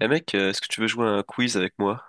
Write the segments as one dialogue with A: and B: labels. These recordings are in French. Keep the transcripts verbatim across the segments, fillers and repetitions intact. A: Eh mec, euh, est-ce que tu veux jouer à un quiz avec moi?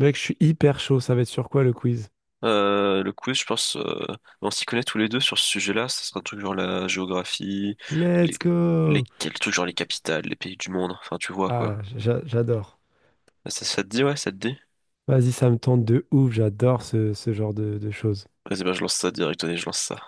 B: Mec, je suis hyper chaud. Ça va être sur quoi le quiz?
A: Euh, le quiz, je pense, euh, on s'y connaît tous les deux sur ce sujet-là. Ça sera un truc genre la géographie,
B: Let's
A: les,
B: go!
A: les, quels trucs genre les capitales, les pays du monde. Enfin, tu vois
B: Ah,
A: quoi.
B: j'a- j'adore.
A: Ah, Ça, ça te dit, ouais, ça te dit?
B: Vas-y, ça me tente de ouf. J'adore ce, ce genre de, de choses.
A: Vas-y, ben, je lance ça direct. Allez, je lance ça.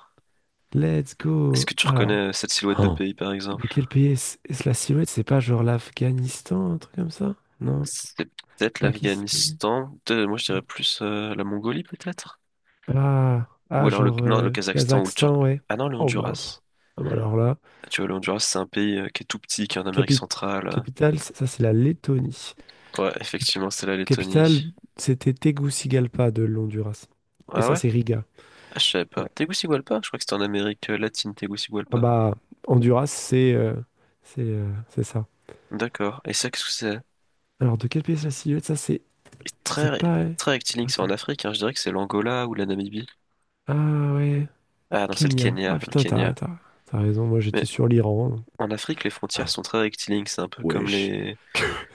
B: Let's
A: Est-ce
B: go!
A: que tu reconnais
B: Alors,
A: euh, cette silhouette de
B: Oh.
A: pays, par exemple?
B: De quel pays est-ce est-ce la silhouette? C'est pas genre l'Afghanistan, un truc comme ça? Non,
A: C'est peut-être
B: Pakistan.
A: l'Afghanistan. Peut-être, moi, je dirais plus euh, la Mongolie, peut-être?
B: Ah,
A: Ou
B: ah
A: alors le,
B: genre
A: non, le
B: euh,
A: Kazakhstan ou le Turc.
B: Kazakhstan, ouais.
A: Ah non, le
B: Oh, bah. Pff.
A: Honduras.
B: Ah bah alors là,
A: Ah, tu vois, le Honduras, c'est un pays euh, qui est tout petit, qui est en Amérique
B: capi-
A: centrale. euh,
B: capitale, ça ça, c'est la Lettonie.
A: Ouais, effectivement, c'est la
B: Capitale,
A: Lettonie.
B: c'était Tegucigalpa de l'Honduras. Et
A: Ah
B: ça,
A: ouais?
B: c'est Riga.
A: Ah, je savais pas.
B: Ouais.
A: Tegucigalpa? Je crois que c'était en Amérique euh, latine,
B: Ah
A: Tegucigalpa.
B: bah, Honduras, c'est euh, c'est euh, c'est ça.
A: D'accord. Et ça, qu'est-ce que c'est?
B: Alors, de quel pays c'est la silhouette? Ça, c'est.
A: Et
B: Je
A: Très,
B: sais
A: ré-
B: pas. Hein.
A: très rectiligne, c'est en
B: Attends.
A: Afrique, hein. Je dirais que c'est l'Angola ou la Namibie.
B: Ah ouais.
A: Ah non, c'est le
B: Kenya. Ah
A: Kenya, le
B: putain, t'as
A: Kenya.
B: t'as, t'as raison. Moi, j'étais
A: Mais
B: sur l'Iran. Donc...
A: en Afrique, les frontières sont très rectilignes, c'est un peu comme
B: Wesh.
A: les...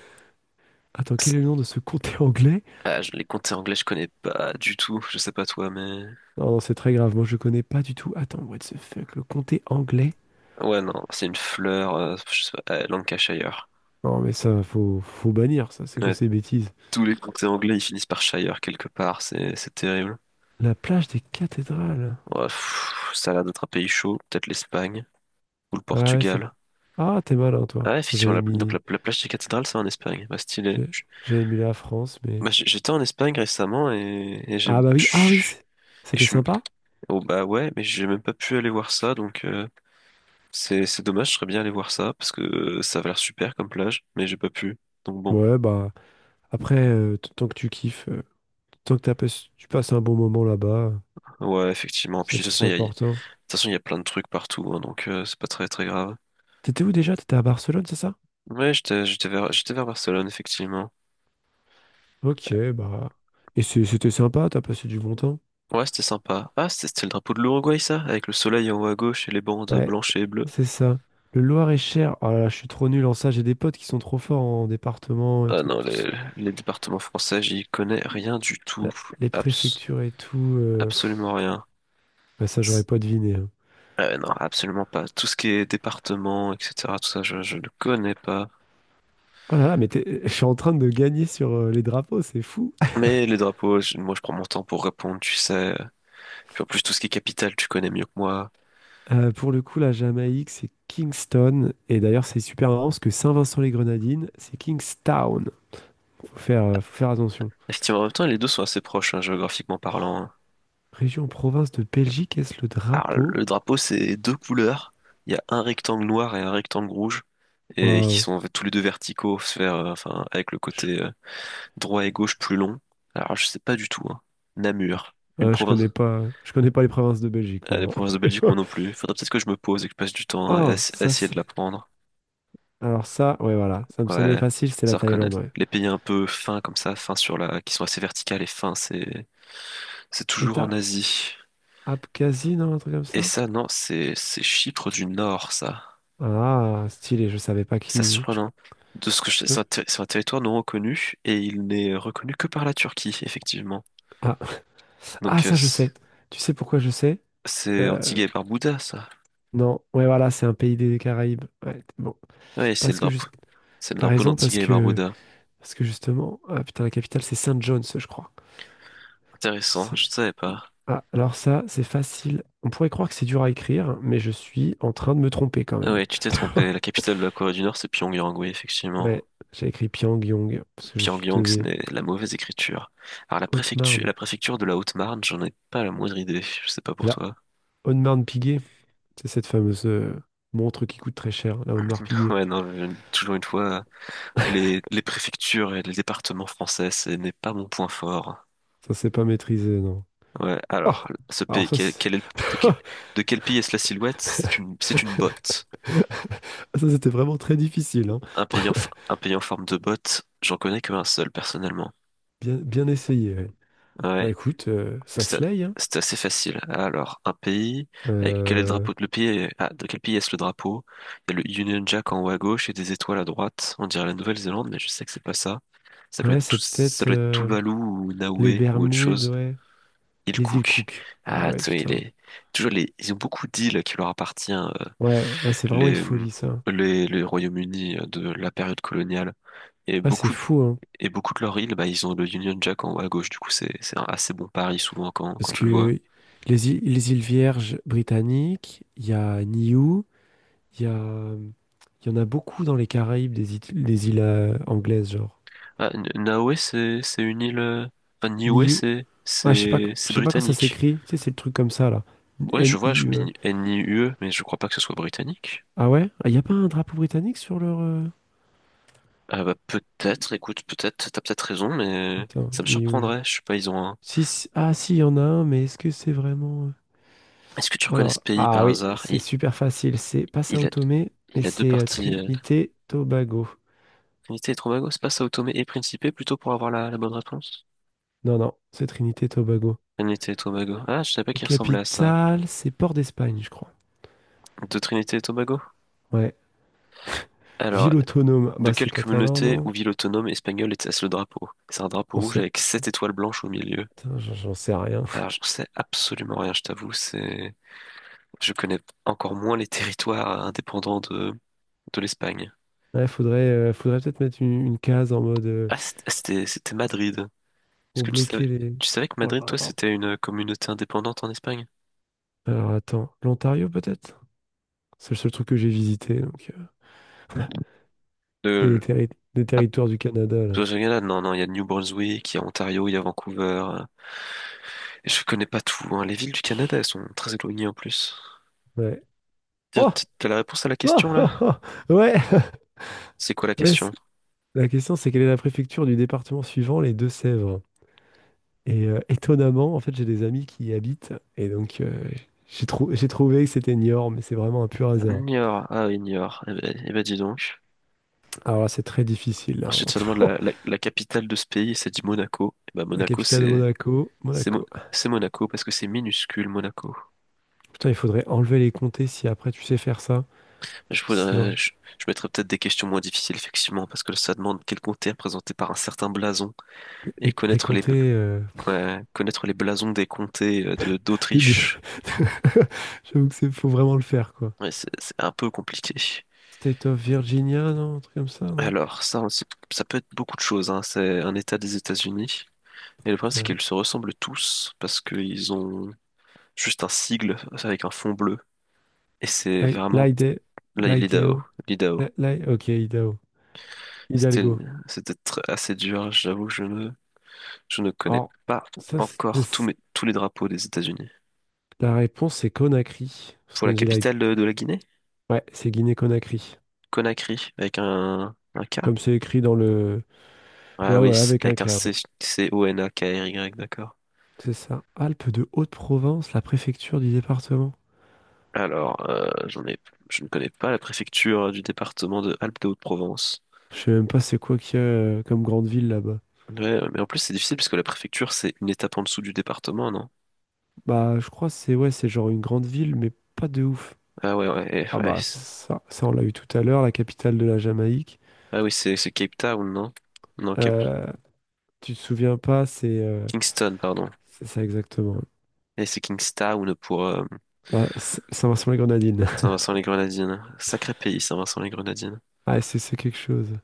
B: Attends, quel
A: C'est-
B: est le nom de ce comté anglais?
A: Ah, je- les comtés anglais, je connais pas du tout, je sais pas toi, mais...
B: Non, non, c'est très grave. Moi, je connais pas du tout. Attends, what the fuck? Le comté anglais?
A: Ouais, non, c'est une fleur, euh, je sais pas, euh, Lancashire.
B: Non, mais ça, faut, faut bannir ça. C'est quoi
A: Ouais,
B: ces bêtises?
A: tous les comtés anglais, ils finissent par Shire quelque part, c'est c'est terrible.
B: La plage des cathédrales.
A: Ouais, pff, ça a l'air d'être un pays chaud, peut-être l'Espagne ou le
B: Ah ouais, c'est.
A: Portugal.
B: Ah, t'es malin,
A: Ah,
B: toi.
A: ouais, effectivement,
B: J'avais
A: la, donc la,
B: mis.
A: la plage des cathédrales, c'est en Espagne. Bah, stylé.
B: j'ai-
A: Je-
B: J'avais mis la France, mais.
A: bah, j'- j'étais en Espagne récemment et, et j'ai.
B: Ah bah oui, ah oui,
A: Pff,
B: c-
A: Et
B: c'était
A: je,
B: sympa.
A: oh, bah ouais, mais j'ai même pas pu aller voir ça, donc euh, c'est c'est dommage, je serais bien allé voir ça, parce que euh, ça avait l'air super comme plage, mais j'ai pas pu. Donc bon,
B: Ouais, bah après, euh, t- tant que tu kiffes, euh, tant que t'as pas- tu passes un bon moment là-bas,
A: ouais, effectivement.
B: c'est
A: Puis
B: le
A: de toute
B: plus
A: façon, il y a, de
B: important.
A: toute façon, il y a plein de trucs partout, hein, donc euh, c'est pas très très grave.
B: T'étais où déjà? T'étais à Barcelone, c'est ça?
A: Ouais, j'étais j'étais vers, j'étais vers Barcelone, effectivement.
B: Ok, bah. Et c'est- c'était sympa, t'as passé du bon temps.
A: Ouais, c'était sympa. Ah, c'était c'était le drapeau de l'Uruguay, ça? Avec le soleil en haut à gauche et les bandes
B: Ouais,
A: blanches et bleues.
B: c'est ça. Le Loir-et-Cher, oh là là, je suis trop nul en ça, j'ai des potes qui sont trop forts en département et
A: Ah
B: tout,
A: non,
B: tout ce-
A: les, les départements français, j'y connais rien du tout.
B: la- les
A: Abs-
B: préfectures et tout. Euh, pff,
A: Absolument rien.
B: bah ça, j'aurais
A: C'est-
B: pas deviné. Hein.
A: Euh, non, absolument pas. Tout ce qui est département, et cetera, tout ça, je, je ne connais pas.
B: Oh là là, mais t'es- je suis en train de gagner sur euh, les drapeaux, c'est fou.
A: Mais les drapeaux, je- moi, je prends mon temps pour répondre, tu sais. Puis en plus, tout ce qui est capitale, tu connais mieux que moi.
B: Euh, pour le coup, la Jamaïque, c'est Kingston. Et d'ailleurs, c'est super marrant parce que Saint-Vincent-les-Grenadines, c'est Kingstown. Faut faire, euh, faut faire attention.
A: Effectivement, en même temps, les deux sont assez proches, hein, géographiquement parlant, hein.
B: Région province de Belgique, est-ce le
A: Alors,
B: drapeau?
A: le drapeau, c'est deux couleurs. Il y a un rectangle noir et un rectangle rouge, et qui
B: Waouh.
A: sont en fait tous les deux verticaux, se faire, euh, enfin, avec le
B: Je,
A: côté euh, droit et gauche plus long. Alors, je sais pas du tout, hein. Namur, une
B: euh, je
A: province.
B: connais pas, je connais pas les provinces de Belgique,
A: Euh, les
B: moi.
A: provinces de Belgique,
B: Hein.
A: moi non plus. Faudrait peut-être que je me pose et que je passe du temps à,
B: Oh,
A: ess- à
B: ça
A: essayer de
B: c'est.
A: l'apprendre.
B: Alors ça, ouais, voilà. Ça me semblait
A: Ouais,
B: facile, c'est la
A: ça reconnaît.
B: Thaïlande, ouais.
A: Les pays un peu fins comme ça, fins sur la, qui sont assez verticales et fins, c'est, c'est toujours en
B: État
A: Asie.
B: Abkhazie, non, un truc comme
A: Et
B: ça?
A: ça, non, c'est, c'est Chypre du Nord, ça.
B: Ah, stylé, je savais pas
A: C'est
B: qui. Je-
A: surprenant. De ce que je
B: je
A: sais, c'est
B: con-
A: un, ter- c'est un territoire non reconnu et il n'est reconnu que par la Turquie, effectivement.
B: Ah, ah,
A: Donc, euh,
B: ça je sais. Tu sais pourquoi je sais?
A: c'est
B: Euh,
A: Antigua et Barbuda, ça.
B: Non, ouais, voilà, c'est un pays des Caraïbes. Ouais, bon,
A: Oui, c'est le
B: parce que
A: drapeau.
B: juste,
A: C'est le
B: t'as
A: drapeau
B: raison, parce
A: d'Antigua et
B: que,
A: Barbuda.
B: parce que justement, ah, putain, la capitale, c'est Saint John's, je crois.
A: Intéressant,
B: C'est,
A: je ne savais pas.
B: ah, alors ça, c'est facile. On pourrait croire que c'est dur à écrire, mais je suis en train de me tromper quand
A: Ah
B: même.
A: ouais, tu t'es trompé. La capitale de la Corée du Nord, c'est Pyongyang, oui, effectivement.
B: Ouais, j'ai écrit Pyongyang parce que je suis
A: Pyongyang, ce
B: tevé.
A: n'est la mauvaise écriture. Alors, la préfecture,
B: Haute-Marne,
A: la préfecture de la Haute-Marne, j'en ai pas la moindre idée. Je sais pas
B: c'est
A: pour
B: la
A: toi.
B: Haute-Marne-Piguet. C'est cette fameuse euh, montre qui coûte très cher, la Audemars Piguet.
A: Ouais, non, je- toujours une fois, les, les préfectures et les départements français, ce n'est pas mon point fort.
B: Ça, c'est pas maîtrisé, non.
A: Ouais,
B: Oh,
A: alors, ce
B: alors
A: pays,
B: ça,
A: quel,
B: c'est...
A: quel est le- de, quel, de quel pays est-ce la silhouette? C'est une, c'est une botte.
B: Ça, c'était vraiment très difficile, hein.
A: Un pays en, f- un pays en forme de botte, j'en connais que un seul personnellement.
B: Bien, bien essayé, ouais. Bah
A: Ouais,
B: écoute, euh, ça
A: c'est a-
B: se laye, hein.
A: c'est assez facile. Alors, un pays, avec quel est le
B: Euh,
A: drapeau de le pays est- ah, de quel pays est-ce le drapeau? Il y a le Union Jack en haut à gauche et des étoiles à droite. On dirait la Nouvelle-Zélande, mais je sais que c'est pas ça. Ça doit
B: ouais,
A: être tout,
B: c'est
A: ça
B: peut-être
A: doit être
B: euh,
A: Tuvalu ou
B: les
A: Niue ou autre
B: Bermudes,
A: chose.
B: ouais.
A: Il
B: Les îles
A: Cook.
B: Cook. Ah
A: Ah,
B: ouais,
A: tu sais, il
B: putain.
A: est toujours les, ils ont beaucoup d'îles qui leur appartiennent. euh,
B: Ouais, ouais, c'est vraiment une
A: les,
B: folie, ça.
A: les, les Royaumes-Unis euh, de la période coloniale. Et
B: Ouais, c'est
A: beaucoup
B: fou, hein.
A: Et beaucoup de leurs îles, bah, ils ont le Union Jack en haut à gauche, du coup c'est c'est un assez bon pari souvent quand, quand
B: Parce
A: tu le vois.
B: que les îles, les îles Vierges britanniques, il y a Niue, il y a... Il y en a beaucoup dans les Caraïbes, des îles, des îles euh, anglaises, genre.
A: Ah, N- Niue c'est c'est une île, euh, enfin Niue
B: Niue.
A: c'est
B: Ouais, je sais pas,
A: c'est
B: quand- je
A: c'est
B: sais pas quand ça
A: britannique.
B: s'écrit. Tu sais, c'est le truc comme ça, là.
A: Ouais je
B: N
A: vois,
B: i
A: je
B: U.
A: dis N I U E, mais je crois pas que ce soit britannique.
B: Ah ouais? Il n'y a pas un drapeau britannique sur leur... euh,
A: Ah bah peut-être, écoute peut-être, t'as peut-être raison, mais
B: Attends,
A: ça me
B: ni où je-
A: surprendrait. Je sais pas, ils ont un.
B: Si, si- Ah si, il y en a un, mais est-ce que c'est vraiment... euh,
A: Est-ce que tu
B: Oh
A: reconnais ce
B: là.
A: pays
B: Ah
A: par
B: oui,
A: hasard?
B: c'est
A: Il,
B: super facile. C'est pas
A: il
B: Sao
A: a
B: Tomé, mais
A: il a deux
B: c'est euh,
A: parties. euh,
B: Trinité Tobago.
A: Trinité et Tobago, c'est pas Sao Tomé et Principe plutôt pour avoir la, la bonne réponse?
B: Non, non, c'est Trinité Tobago.
A: Trinité et Tobago. Ah je savais pas qu'il ressemblait à ça.
B: Capitale, c'est Port d'Espagne, je crois.
A: De Trinité et Tobago?
B: Ouais.
A: Alors,
B: Ville autonome.
A: de
B: Bah c'est
A: quelle
B: catalan,
A: communauté ou
B: non?
A: ville autonome espagnole était-ce le drapeau? C'est un drapeau
B: J'en
A: rouge
B: sais...
A: avec
B: j'en-
A: sept étoiles blanches au milieu.
B: Putain, j'en j'en sais rien.
A: Alors, je sais absolument rien, je t'avoue, c'est... Je connais encore moins les territoires indépendants de, de l'Espagne.
B: Ouais, faudrait, euh, faudrait peut-être mettre une, une case en mode... euh,
A: Ah, c't- c'était, c'était Madrid. Est-ce
B: pour
A: que tu savais,
B: bloquer les...
A: tu savais que
B: Oh
A: Madrid,
B: là
A: toi,
B: là.
A: c'était une communauté indépendante en Espagne?
B: Alors attends, l'Ontario peut-être? C'est le seul truc que j'ai visité, donc euh, des,
A: De...
B: terri- des
A: Ah,
B: territoires du Canada, là.
A: toi, j'ai rien là. Non, non, il y a New Brunswick, il y a Ontario, il y a Vancouver. Euh. Et je connais pas tout, hein. Les villes du Canada, elles sont très éloignées en plus.
B: Ouais.
A: Tiens,
B: Oh! Oh!
A: t- t'as la réponse à la question, là?
B: Oh! Oh ouais!
A: C'est quoi la
B: Ouais,
A: question?
B: c'est- la question, c'est quelle est la préfecture du département suivant, les Deux-Sèvres? Et euh, étonnamment, en fait, j'ai des amis qui y habitent, et donc euh, j'ai trou- j'ai trouvé que c'était Niort, mais c'est vraiment un pur hasard.
A: Niort. Ah oui, Niort. Eh ben, eh ben, dis donc.
B: Alors là, c'est très difficile, hein.
A: Ensuite, ça demande la, la, la capitale de ce pays, et ça dit Monaco. Eh ben,
B: La
A: Monaco,
B: capitale de
A: c'est
B: Monaco,
A: c'est Mo-
B: Monaco.
A: c'est Monaco parce que c'est minuscule, Monaco.
B: Putain, il faudrait enlever les comtés si après tu sais faire ça,
A: Je,
B: parce que c'est vrai,
A: voudrais- je, je mettrais peut-être des questions moins difficiles, effectivement, parce que ça demande quel comté est représenté par un certain blason et
B: les, les
A: connaître les, bl-
B: comtés... euh,
A: ouais, connaître les blasons des comtés euh, de
B: des- des-
A: d'Autriche.
B: J'avoue que c'est faut vraiment le faire, quoi.
A: Ouais, c'est c'est un peu compliqué.
B: State of Virginia, non? Un truc comme ça, non?
A: Alors, ça, on sait- ça peut être beaucoup de choses, hein. C'est un État des États-Unis. Et le problème, c'est
B: Euh,
A: qu'ils se ressemblent tous parce qu'ils ont juste un sigle avec un fond bleu. Et c'est
B: Li-
A: vraiment
B: Lide-
A: là, il est l'I D A O,
B: Lideo.
A: l'I D A O.
B: Li- Li- ok, Idaho.
A: C'était,
B: Hidalgo.
A: C'était tr- assez dur. J'avoue, je ne, je ne connais
B: Alors,
A: pas
B: ça, c'est-
A: encore tous mes, tous les drapeaux des États-Unis.
B: la réponse, c'est Conakry. Parce
A: Pour la
B: qu'on dit là.
A: capitale de, de la Guinée,
B: Ouais, c'est Guinée-Conakry.
A: Conakry, avec un, un K.
B: Comme c'est écrit dans le.
A: Ah
B: Ouais,
A: oui,
B: ouais,
A: c-
B: avec un
A: avec
B: K,
A: un C,
B: ouais.
A: C-O-N-A-K-R-Y, d'accord.
B: C'est ça. Alpes de Haute-Provence, la préfecture du département.
A: Alors, euh, j'en ai, je ne connais pas la préfecture du département de Alpes-de-Haute-Provence.
B: Je sais même pas c'est quoi qu'il y a euh, comme grande ville là-bas.
A: Ouais, ouais, mais en plus c'est difficile parce que la préfecture c'est une étape en dessous du département, non?
B: Bah, je crois que c'est ouais, c'est genre une grande ville, mais pas de ouf.
A: Ah ouais, ouais, eh,
B: Ah
A: ouais,
B: bah
A: c'est-
B: ça, ça on l'a eu tout à l'heure, la capitale de la Jamaïque.
A: Ah oui, c'est c'est Cape Town, non? Non, Cape...
B: Euh, Tu te souviens pas, c'est euh,
A: Kingston, pardon.
B: c'est ça exactement.
A: Et c'est Kingstown pour euh,
B: Ah, c- ça ressemble à la grenadine.
A: Saint-Vincent-les-Grenadines. Sacré pays, Saint-Vincent-les-Grenadines.
B: Ah, c'est c'est quelque chose.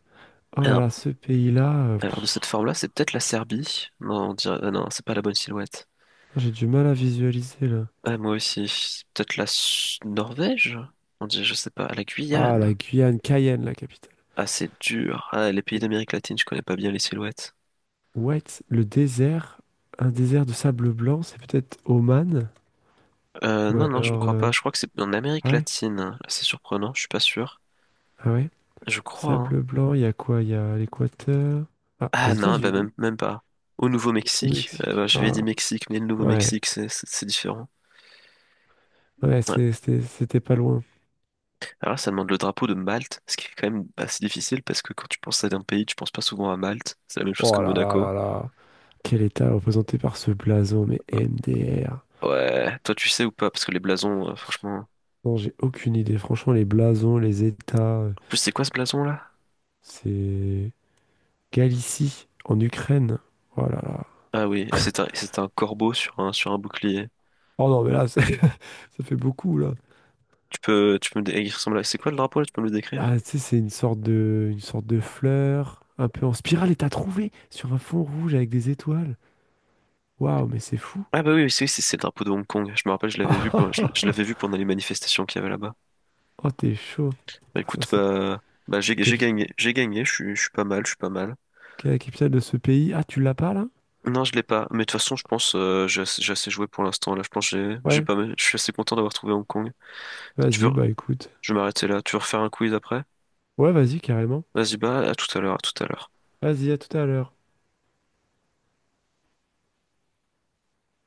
B: Oh là
A: Alors,
B: là, ce pays-là, euh, pff,
A: alors, de cette forme-là, c'est peut-être la Serbie. Non, on dirait... ah non, c'est pas la bonne silhouette.
B: j'ai du mal à visualiser là.
A: Ah, moi aussi, c'est peut-être la S- Norvège? On dirait, je sais pas, la
B: Ah,
A: Guyane.
B: la Guyane, Cayenne, la capitale.
A: Ah, c'est dur. Ah, les pays
B: Et...
A: d'Amérique latine, je connais pas bien les silhouettes.
B: Ouais, le désert, un désert de sable blanc, c'est peut-être Oman
A: Euh,
B: ou
A: non, non, je ne
B: alors
A: crois
B: euh,
A: pas. Je crois que c'est en
B: ah
A: Amérique
B: ouais,
A: latine. C'est surprenant, je suis pas sûr.
B: ah ouais,
A: Je crois, hein.
B: sable blanc. Il y a quoi? Il y a l'Équateur. Ah,
A: Ah
B: les
A: non, bah même,
B: États-Unis,
A: même pas. Au
B: au
A: Nouveau-Mexique. Euh,
B: Mexique.
A: bah, j'avais
B: Ah
A: dit Mexique, mais le
B: ouais.
A: Nouveau-Mexique, c'est c'est- c'est différent.
B: Ouais,
A: Ouais.
B: c'est- c'était c'était pas loin.
A: Alors là, ça demande le drapeau de Malte, ce qui est quand même assez difficile parce que quand tu penses à un pays, tu penses pas souvent à Malte. C'est la même chose que
B: Oh là là
A: Monaco.
B: là là. Quel état représenté par ce blason, mais M D R.
A: Ouais, toi tu sais ou pas, parce que les blasons, euh, franchement.
B: Non, j'ai aucune idée. Franchement, les blasons, les états, euh,
A: En plus, c'est quoi ce blason là?
B: c'est Galicie, en Ukraine. Oh là là.
A: Ah oui, et c'est un, c'est un corbeau sur un, sur un bouclier.
B: Oh non, mais là, c'est- ça fait beaucoup, là.
A: Tu peux, tu peux me dé- il ressemble à... C'est quoi le drapeau là? Tu peux me le décrire?
B: Ah, tu sais, c'est une sorte de, une sorte de fleur, un peu en spirale, et t'as trouvé sur un fond rouge avec des étoiles. Waouh, mais c'est fou.
A: Ah bah oui, oui, c'est c'est- c'est le drapeau de Hong Kong. Je me rappelle, je l'avais vu, pour- je, je l'avais vu pendant les manifestations qu'il y avait là-bas.
B: Oh, t'es chaud.
A: Bah
B: Ah, ça,
A: écoute,
B: c'est
A: bah, bah j'ai
B: la
A: j'ai
B: capi-
A: gagné, j'ai gagné. Je suis, je suis pas mal, je suis pas mal.
B: la capitale de ce pays. Ah, tu l'as pas, là?
A: Non, je l'ai pas. Mais de toute façon, je pense, euh, j'ai assez, j'ai assez joué pour l'instant. Là, je pense, que j'ai, j'ai
B: Ouais.
A: pas mal. Je suis assez content d'avoir trouvé Hong Kong. Tu
B: Vas-y,
A: veux,
B: bah écoute.
A: je vais m'arrêter là. Tu veux refaire un quiz après?
B: Ouais, vas-y, carrément.
A: Vas-y, bah à tout à l'heure, à tout à l'heure.
B: Vas-y, à tout à l'heure.